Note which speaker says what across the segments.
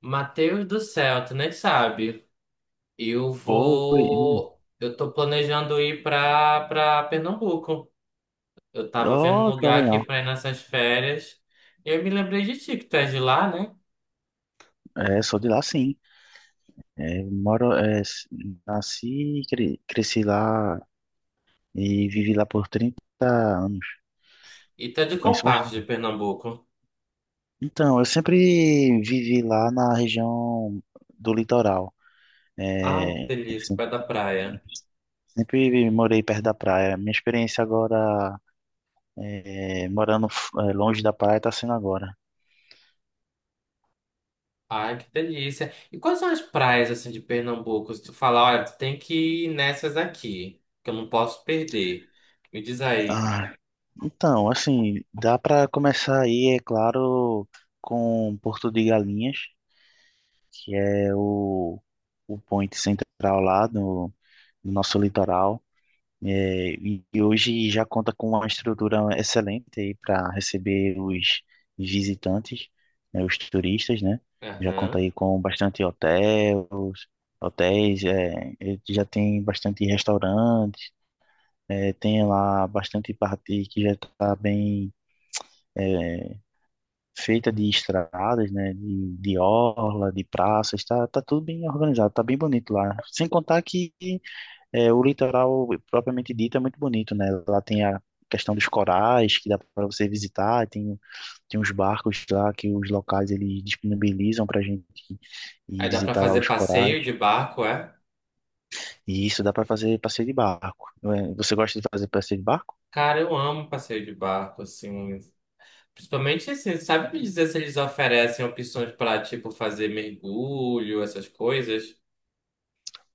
Speaker 1: Mateus do céu, tu nem sabe. Eu
Speaker 2: Oi,
Speaker 1: vou. Eu tô planejando ir pra Pernambuco. Eu tava vendo um
Speaker 2: oh, tá
Speaker 1: lugar aqui
Speaker 2: legal.
Speaker 1: pra ir nessas férias. E eu me lembrei de ti, que tu é de lá, né?
Speaker 2: É, sou de lá sim. É, moro, é, nasci, e cresci lá e vivi lá por 30 anos.
Speaker 1: E tu é de
Speaker 2: Eu
Speaker 1: qual
Speaker 2: conheço
Speaker 1: parte de
Speaker 2: bastante.
Speaker 1: Pernambuco?
Speaker 2: Então, eu sempre vivi lá na região do litoral.
Speaker 1: Ah, que
Speaker 2: É,
Speaker 1: delícia,
Speaker 2: se-
Speaker 1: perto da praia.
Speaker 2: sempre morei perto da praia. Minha experiência agora, é, morando é, longe da praia, tá sendo agora.
Speaker 1: Ai, que delícia. E quais são as praias, assim, de Pernambuco? Se tu falar, olha, tu tem que ir nessas aqui, que eu não posso perder. Me diz aí.
Speaker 2: Ah, então, assim, dá para começar aí, é claro, com Porto de Galinhas. Que é o point central lá no nosso litoral. É, e hoje já conta com uma estrutura excelente para receber os visitantes, né, os turistas, né? Já conta
Speaker 1: Aham.
Speaker 2: aí com bastante hotéis, hotéis, é, e já tem bastante restaurantes, é, tem lá bastante parte que já está bem, é, feita de estradas, né, de orla, de praças, tá tudo bem organizado, tá bem bonito lá. Sem contar que, é, o litoral propriamente dito é muito bonito, né? Lá tem a questão dos corais que dá para você visitar, tem uns barcos lá que os locais eles disponibilizam para gente ir
Speaker 1: Aí dá pra
Speaker 2: visitar lá
Speaker 1: fazer
Speaker 2: os corais.
Speaker 1: passeio de barco, é?
Speaker 2: E isso dá para fazer passeio de barco. Não é? Você gosta de fazer passeio de barco?
Speaker 1: Cara, eu amo passeio de barco, assim. Principalmente assim, sabe me dizer se eles oferecem opções para, tipo, fazer mergulho, essas coisas?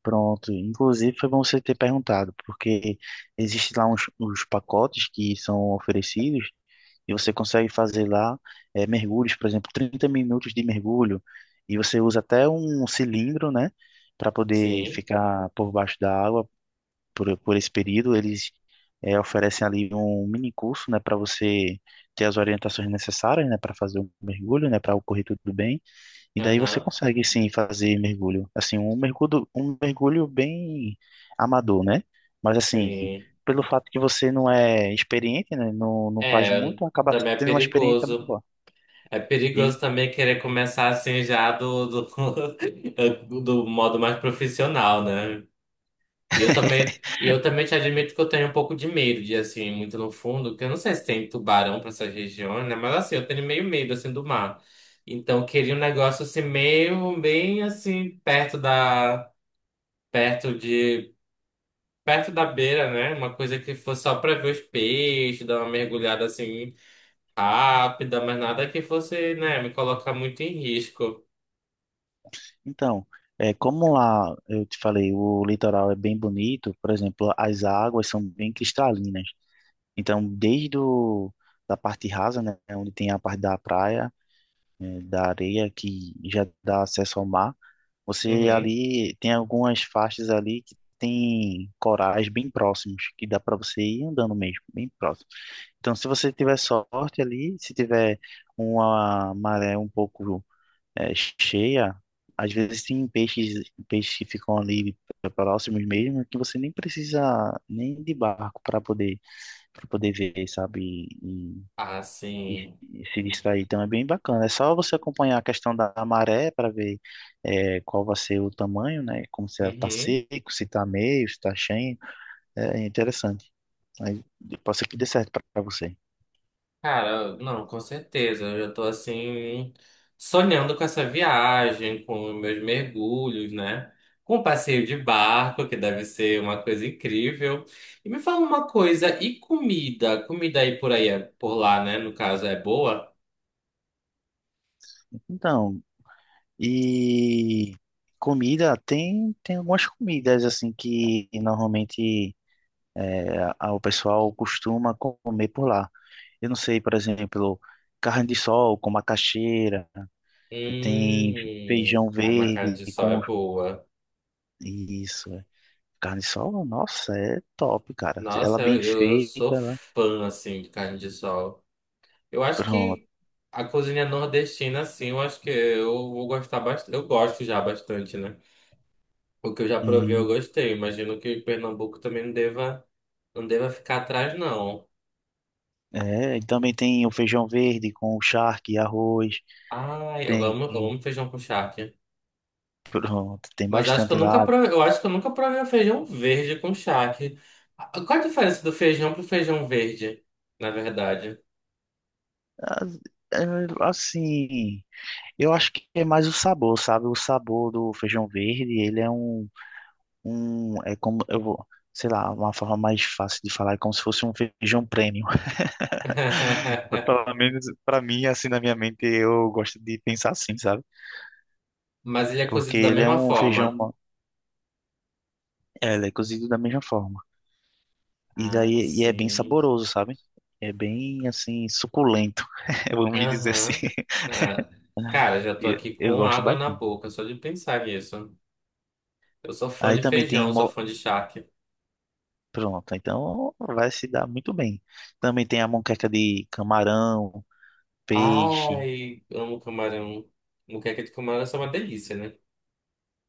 Speaker 2: Pronto, inclusive foi bom você ter perguntado, porque existe lá uns, pacotes que são oferecidos e você consegue fazer lá, mergulhos, por exemplo, 30 minutos de mergulho, e você usa até um cilindro, né, para poder
Speaker 1: Sim.
Speaker 2: ficar por baixo da água por esse período. Eles, oferecem ali um mini curso, né, para você ter as orientações necessárias, né, para fazer o mergulho, né, para ocorrer tudo bem. E daí você
Speaker 1: Aham.
Speaker 2: consegue sim fazer mergulho. Assim, um mergulho, bem amador, né? Mas assim,
Speaker 1: Sim.
Speaker 2: pelo fato que você não é experiente, né? Não faz
Speaker 1: É,
Speaker 2: muito, acaba
Speaker 1: também é
Speaker 2: sendo uma experiência muito
Speaker 1: perigoso.
Speaker 2: boa.
Speaker 1: É
Speaker 2: E
Speaker 1: perigoso também querer começar assim já do do modo mais profissional, né? E eu também te admito que eu tenho um pouco de medo de assim, ir muito no fundo, porque eu não sei se tem tubarão para essas regiões, né? Mas assim, eu tenho meio medo assim do mar. Então, eu queria um negócio assim meio bem assim perto de perto da beira, né? Uma coisa que fosse só para ver os peixes, dar uma mergulhada assim rápida, mas nada que fosse, né, me colocar muito em risco.
Speaker 2: então, é, como lá eu te falei, o litoral é bem bonito, por exemplo, as águas são bem cristalinas. Então, desde o, da parte rasa, né? Onde tem a parte da praia, da areia, que já dá acesso ao mar. Você
Speaker 1: Uhum.
Speaker 2: ali tem algumas faixas ali que tem corais bem próximos, que dá para você ir andando mesmo, bem próximo. Então, se você tiver sorte ali, se tiver uma maré um pouco, cheia, às vezes tem peixes, que ficam ali próximos mesmo, que você nem precisa nem de barco para poder ver, sabe? E, e,
Speaker 1: Assim.
Speaker 2: e se distrair. Então é bem bacana. É só você acompanhar a questão da maré para ver, qual vai ser o tamanho, né? Como se ela está
Speaker 1: Uhum.
Speaker 2: seco, se está meio, se está cheio. É interessante. Aí, pode ser que dê certo para você.
Speaker 1: Cara, não, com certeza. Eu já tô assim sonhando com essa viagem, com meus mergulhos, né? Com o passeio de barco, que deve ser uma coisa incrível. E me fala uma coisa, e comida? Comida aí por aí, por lá, né? No caso, é boa?
Speaker 2: Então, e comida, tem algumas comidas assim que normalmente, o pessoal costuma comer por lá. Eu não sei, por exemplo, carne de sol com macaxeira, tem feijão
Speaker 1: Ai, uma carne
Speaker 2: verde
Speaker 1: de sol é
Speaker 2: com.
Speaker 1: boa.
Speaker 2: Isso, é. Carne sol, nossa, é top, cara. Ela
Speaker 1: Nossa,
Speaker 2: bem
Speaker 1: eu sou
Speaker 2: feita, né?
Speaker 1: fã, assim, de carne de sol. Eu acho
Speaker 2: Pronto.
Speaker 1: que a cozinha nordestina, assim, eu acho que eu vou gostar bastante. Eu gosto já bastante, né? O que eu já provei, eu
Speaker 2: Hum,
Speaker 1: gostei. Imagino que Pernambuco também não deva ficar atrás, não.
Speaker 2: é, e também tem o feijão verde com o charque, arroz,
Speaker 1: Ai,
Speaker 2: tem,
Speaker 1: eu amo feijão com charque.
Speaker 2: pronto, tem
Speaker 1: Mas acho que eu
Speaker 2: bastante
Speaker 1: nunca
Speaker 2: lá.
Speaker 1: provei, eu acho que eu nunca provei o feijão verde com charque. Ah, qual a diferença do feijão pro feijão verde, na verdade?
Speaker 2: Ah, é, assim, eu acho que é mais o sabor, sabe? O sabor do feijão verde, ele é um, é como, eu vou, sei lá, uma forma mais fácil de falar, é como se fosse um feijão premium. Pelo menos pra mim, assim, na minha mente, eu gosto de pensar assim, sabe?
Speaker 1: Mas ele é
Speaker 2: Porque
Speaker 1: cozido da
Speaker 2: ele é
Speaker 1: mesma
Speaker 2: um feijão,
Speaker 1: forma.
Speaker 2: é, ele é cozido da mesma forma. E
Speaker 1: Ah,
Speaker 2: daí, e é bem
Speaker 1: sim.
Speaker 2: saboroso, sabe? É bem assim, suculento, vamos dizer assim.
Speaker 1: Aham. Ah, cara, já tô
Speaker 2: E
Speaker 1: aqui
Speaker 2: eu
Speaker 1: com
Speaker 2: gosto
Speaker 1: água na
Speaker 2: bastante.
Speaker 1: boca, só de pensar nisso. Eu sou fã
Speaker 2: Aí
Speaker 1: de
Speaker 2: também tem.
Speaker 1: feijão, sou fã de charque.
Speaker 2: Pronto, então vai se dar muito bem. Também tem a moqueca de camarão, peixe,
Speaker 1: Ai, amo camarão. Moqueca de camarão é uma delícia, né?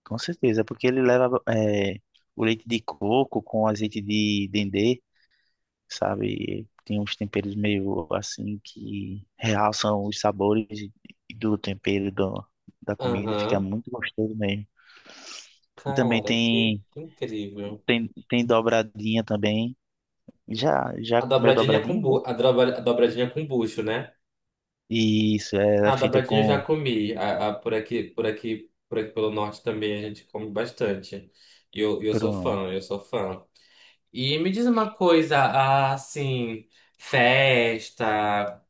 Speaker 2: com certeza, porque ele leva, é, o leite de coco com azeite de dendê, sabe? E tem uns temperos meio assim que realçam os sabores, e do tempero do, da comida, fica
Speaker 1: Aham.
Speaker 2: muito gostoso mesmo. E também
Speaker 1: Cara, que
Speaker 2: tem,
Speaker 1: incrível.
Speaker 2: tem dobradinha também. Já
Speaker 1: A
Speaker 2: comeu
Speaker 1: dobradinha com
Speaker 2: dobradinha, né?
Speaker 1: a dobradinha com bucho, né?
Speaker 2: E isso, é
Speaker 1: Ah, a
Speaker 2: feita
Speaker 1: dobradinha eu já
Speaker 2: com.
Speaker 1: comi. Por aqui, por aqui pelo norte também a gente come bastante. E eu sou
Speaker 2: Pronto.
Speaker 1: fã, eu sou fã. E me diz uma coisa, ah, assim, festa,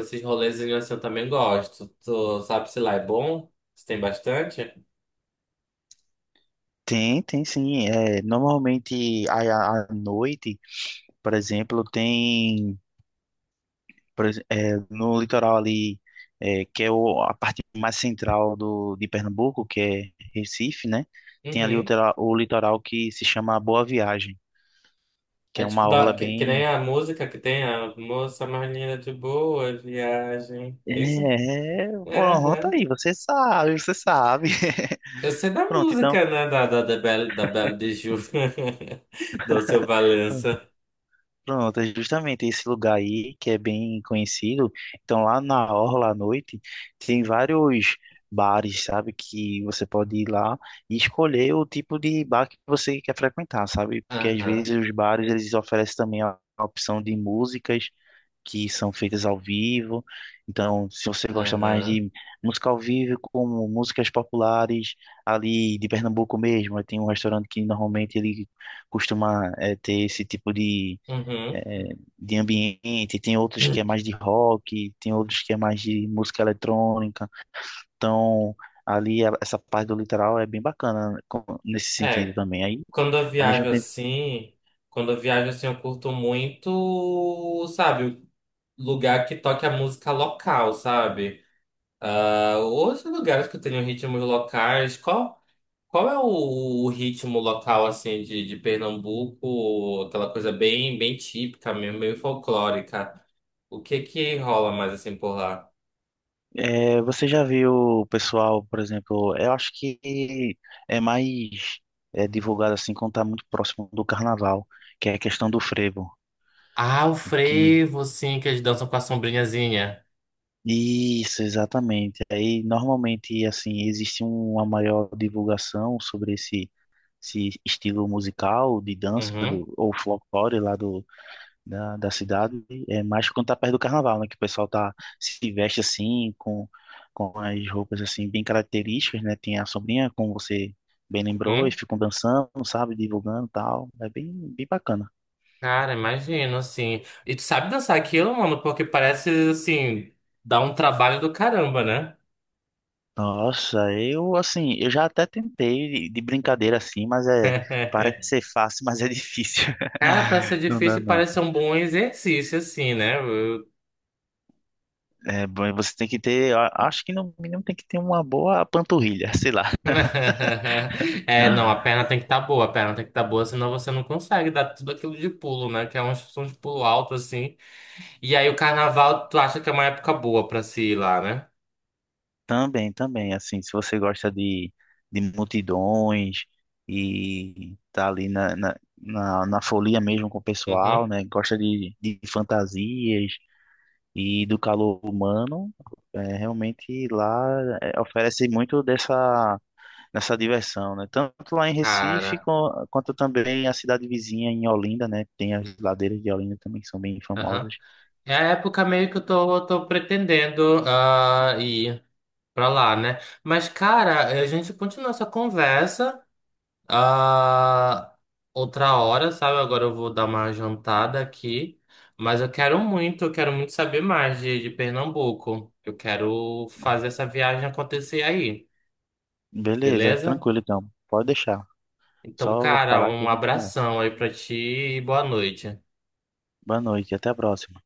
Speaker 1: esses rolezinhos assim eu também gosto. Tu sabe se lá é bom? Se tem bastante?
Speaker 2: Tem sim. É, normalmente à noite, por exemplo, tem. É, no litoral ali, é, que é a parte mais central do, de Pernambuco, que é Recife, né? Tem ali
Speaker 1: Uhum.
Speaker 2: o litoral que se chama Boa Viagem, que
Speaker 1: É
Speaker 2: é
Speaker 1: tipo,
Speaker 2: uma orla
Speaker 1: que nem
Speaker 2: bem.
Speaker 1: a música que tem a moça mais linda de Boa Viagem. É isso?
Speaker 2: É, pronto
Speaker 1: Aham.
Speaker 2: aí, você sabe, você sabe.
Speaker 1: Eu sei da
Speaker 2: Pronto, então.
Speaker 1: música, né? Da Belle, da Belle de Ju, do seu Valença.
Speaker 2: Pronto, é justamente esse lugar aí que é bem conhecido. Então, lá na orla à noite, tem vários bares, sabe? Que você pode ir lá e escolher o tipo de bar que você quer frequentar, sabe? Porque às vezes
Speaker 1: Aham,
Speaker 2: os bares eles oferecem também a opção de músicas que são feitas ao vivo. Então, se você gosta mais
Speaker 1: aham,
Speaker 2: de música ao vivo, como músicas populares ali de Pernambuco mesmo, tem um restaurante que normalmente ele costuma, ter esse tipo de,
Speaker 1: uhum.
Speaker 2: é, de ambiente, tem outros que é mais de rock, tem outros que é mais de música eletrônica. Então, ali essa parte do litoral é bem bacana, né, nesse sentido
Speaker 1: É,
Speaker 2: também. Aí,
Speaker 1: quando eu
Speaker 2: ao mesmo
Speaker 1: viajo
Speaker 2: tempo,
Speaker 1: assim, quando eu viajo assim, eu curto muito, sabe, lugar que toque a música local, sabe? Ah, outros lugares que tenham ritmos locais. Qual? Qual é o ritmo local, assim, de Pernambuco? Aquela coisa bem, bem típica mesmo, meio folclórica. O que que rola mais, assim, por lá?
Speaker 2: é, você já viu o pessoal, por exemplo, eu acho que é mais, é, divulgado assim quando tá muito próximo do carnaval, que é a questão do frevo,
Speaker 1: Ah, o
Speaker 2: que.
Speaker 1: frevo, sim, que eles dançam com a sombrinhazinha.
Speaker 2: Isso, exatamente. Aí normalmente assim existe uma maior divulgação sobre esse estilo musical de dança
Speaker 1: Uhum,
Speaker 2: do, ou folclore lá do, da cidade, é mais quando tá perto do carnaval, né? Que o pessoal tá, se veste assim, com as roupas assim bem características, né? Tem a sombrinha, como você bem lembrou, e
Speaker 1: uhum.
Speaker 2: ficam dançando, sabe? Divulgando e tal. É bem, bem bacana.
Speaker 1: Cara, imagino, assim. E tu sabe dançar aquilo, mano? Porque parece, assim, dá um trabalho do caramba, né?
Speaker 2: Nossa, eu assim, eu já até tentei de brincadeira assim, mas é, parece ser fácil, mas é difícil.
Speaker 1: Cara, parece ser
Speaker 2: Não dá,
Speaker 1: difícil e
Speaker 2: não.
Speaker 1: parece ser um bom exercício, assim, né?
Speaker 2: É, bom, e você tem que ter, eu acho que no mínimo tem que ter uma boa panturrilha, sei lá.
Speaker 1: É, não, a perna tem que estar boa, a perna tem que estar boa, senão você não consegue dar tudo aquilo de pulo, né? Que é uma instrução de pulo alto, assim. E aí o carnaval, tu acha que é uma época boa pra se ir lá, né?
Speaker 2: Também, assim, se você gosta de multidões e tá ali na folia mesmo com o
Speaker 1: Uhum.
Speaker 2: pessoal, né? Gosta de fantasias e do calor humano, é, realmente lá é, oferece muito dessa, diversão, né? Tanto lá em Recife
Speaker 1: Cara,
Speaker 2: quanto também a cidade vizinha em Olinda, né? Tem as ladeiras de Olinda também que são bem
Speaker 1: aham.
Speaker 2: famosas.
Speaker 1: É a época meio que tô pretendendo ah, ir pra lá, né? Mas, cara, a gente continua essa conversa. Ah, outra hora, sabe? Agora eu vou dar uma jantada aqui. Mas eu quero muito saber mais de Pernambuco. Eu quero fazer essa viagem acontecer aí,
Speaker 2: Beleza,
Speaker 1: beleza?
Speaker 2: tranquilo então. Pode deixar.
Speaker 1: Então,
Speaker 2: Só vou
Speaker 1: cara,
Speaker 2: falar que a
Speaker 1: um
Speaker 2: gente conversa.
Speaker 1: abração aí pra ti e boa noite.
Speaker 2: Boa noite, até a próxima.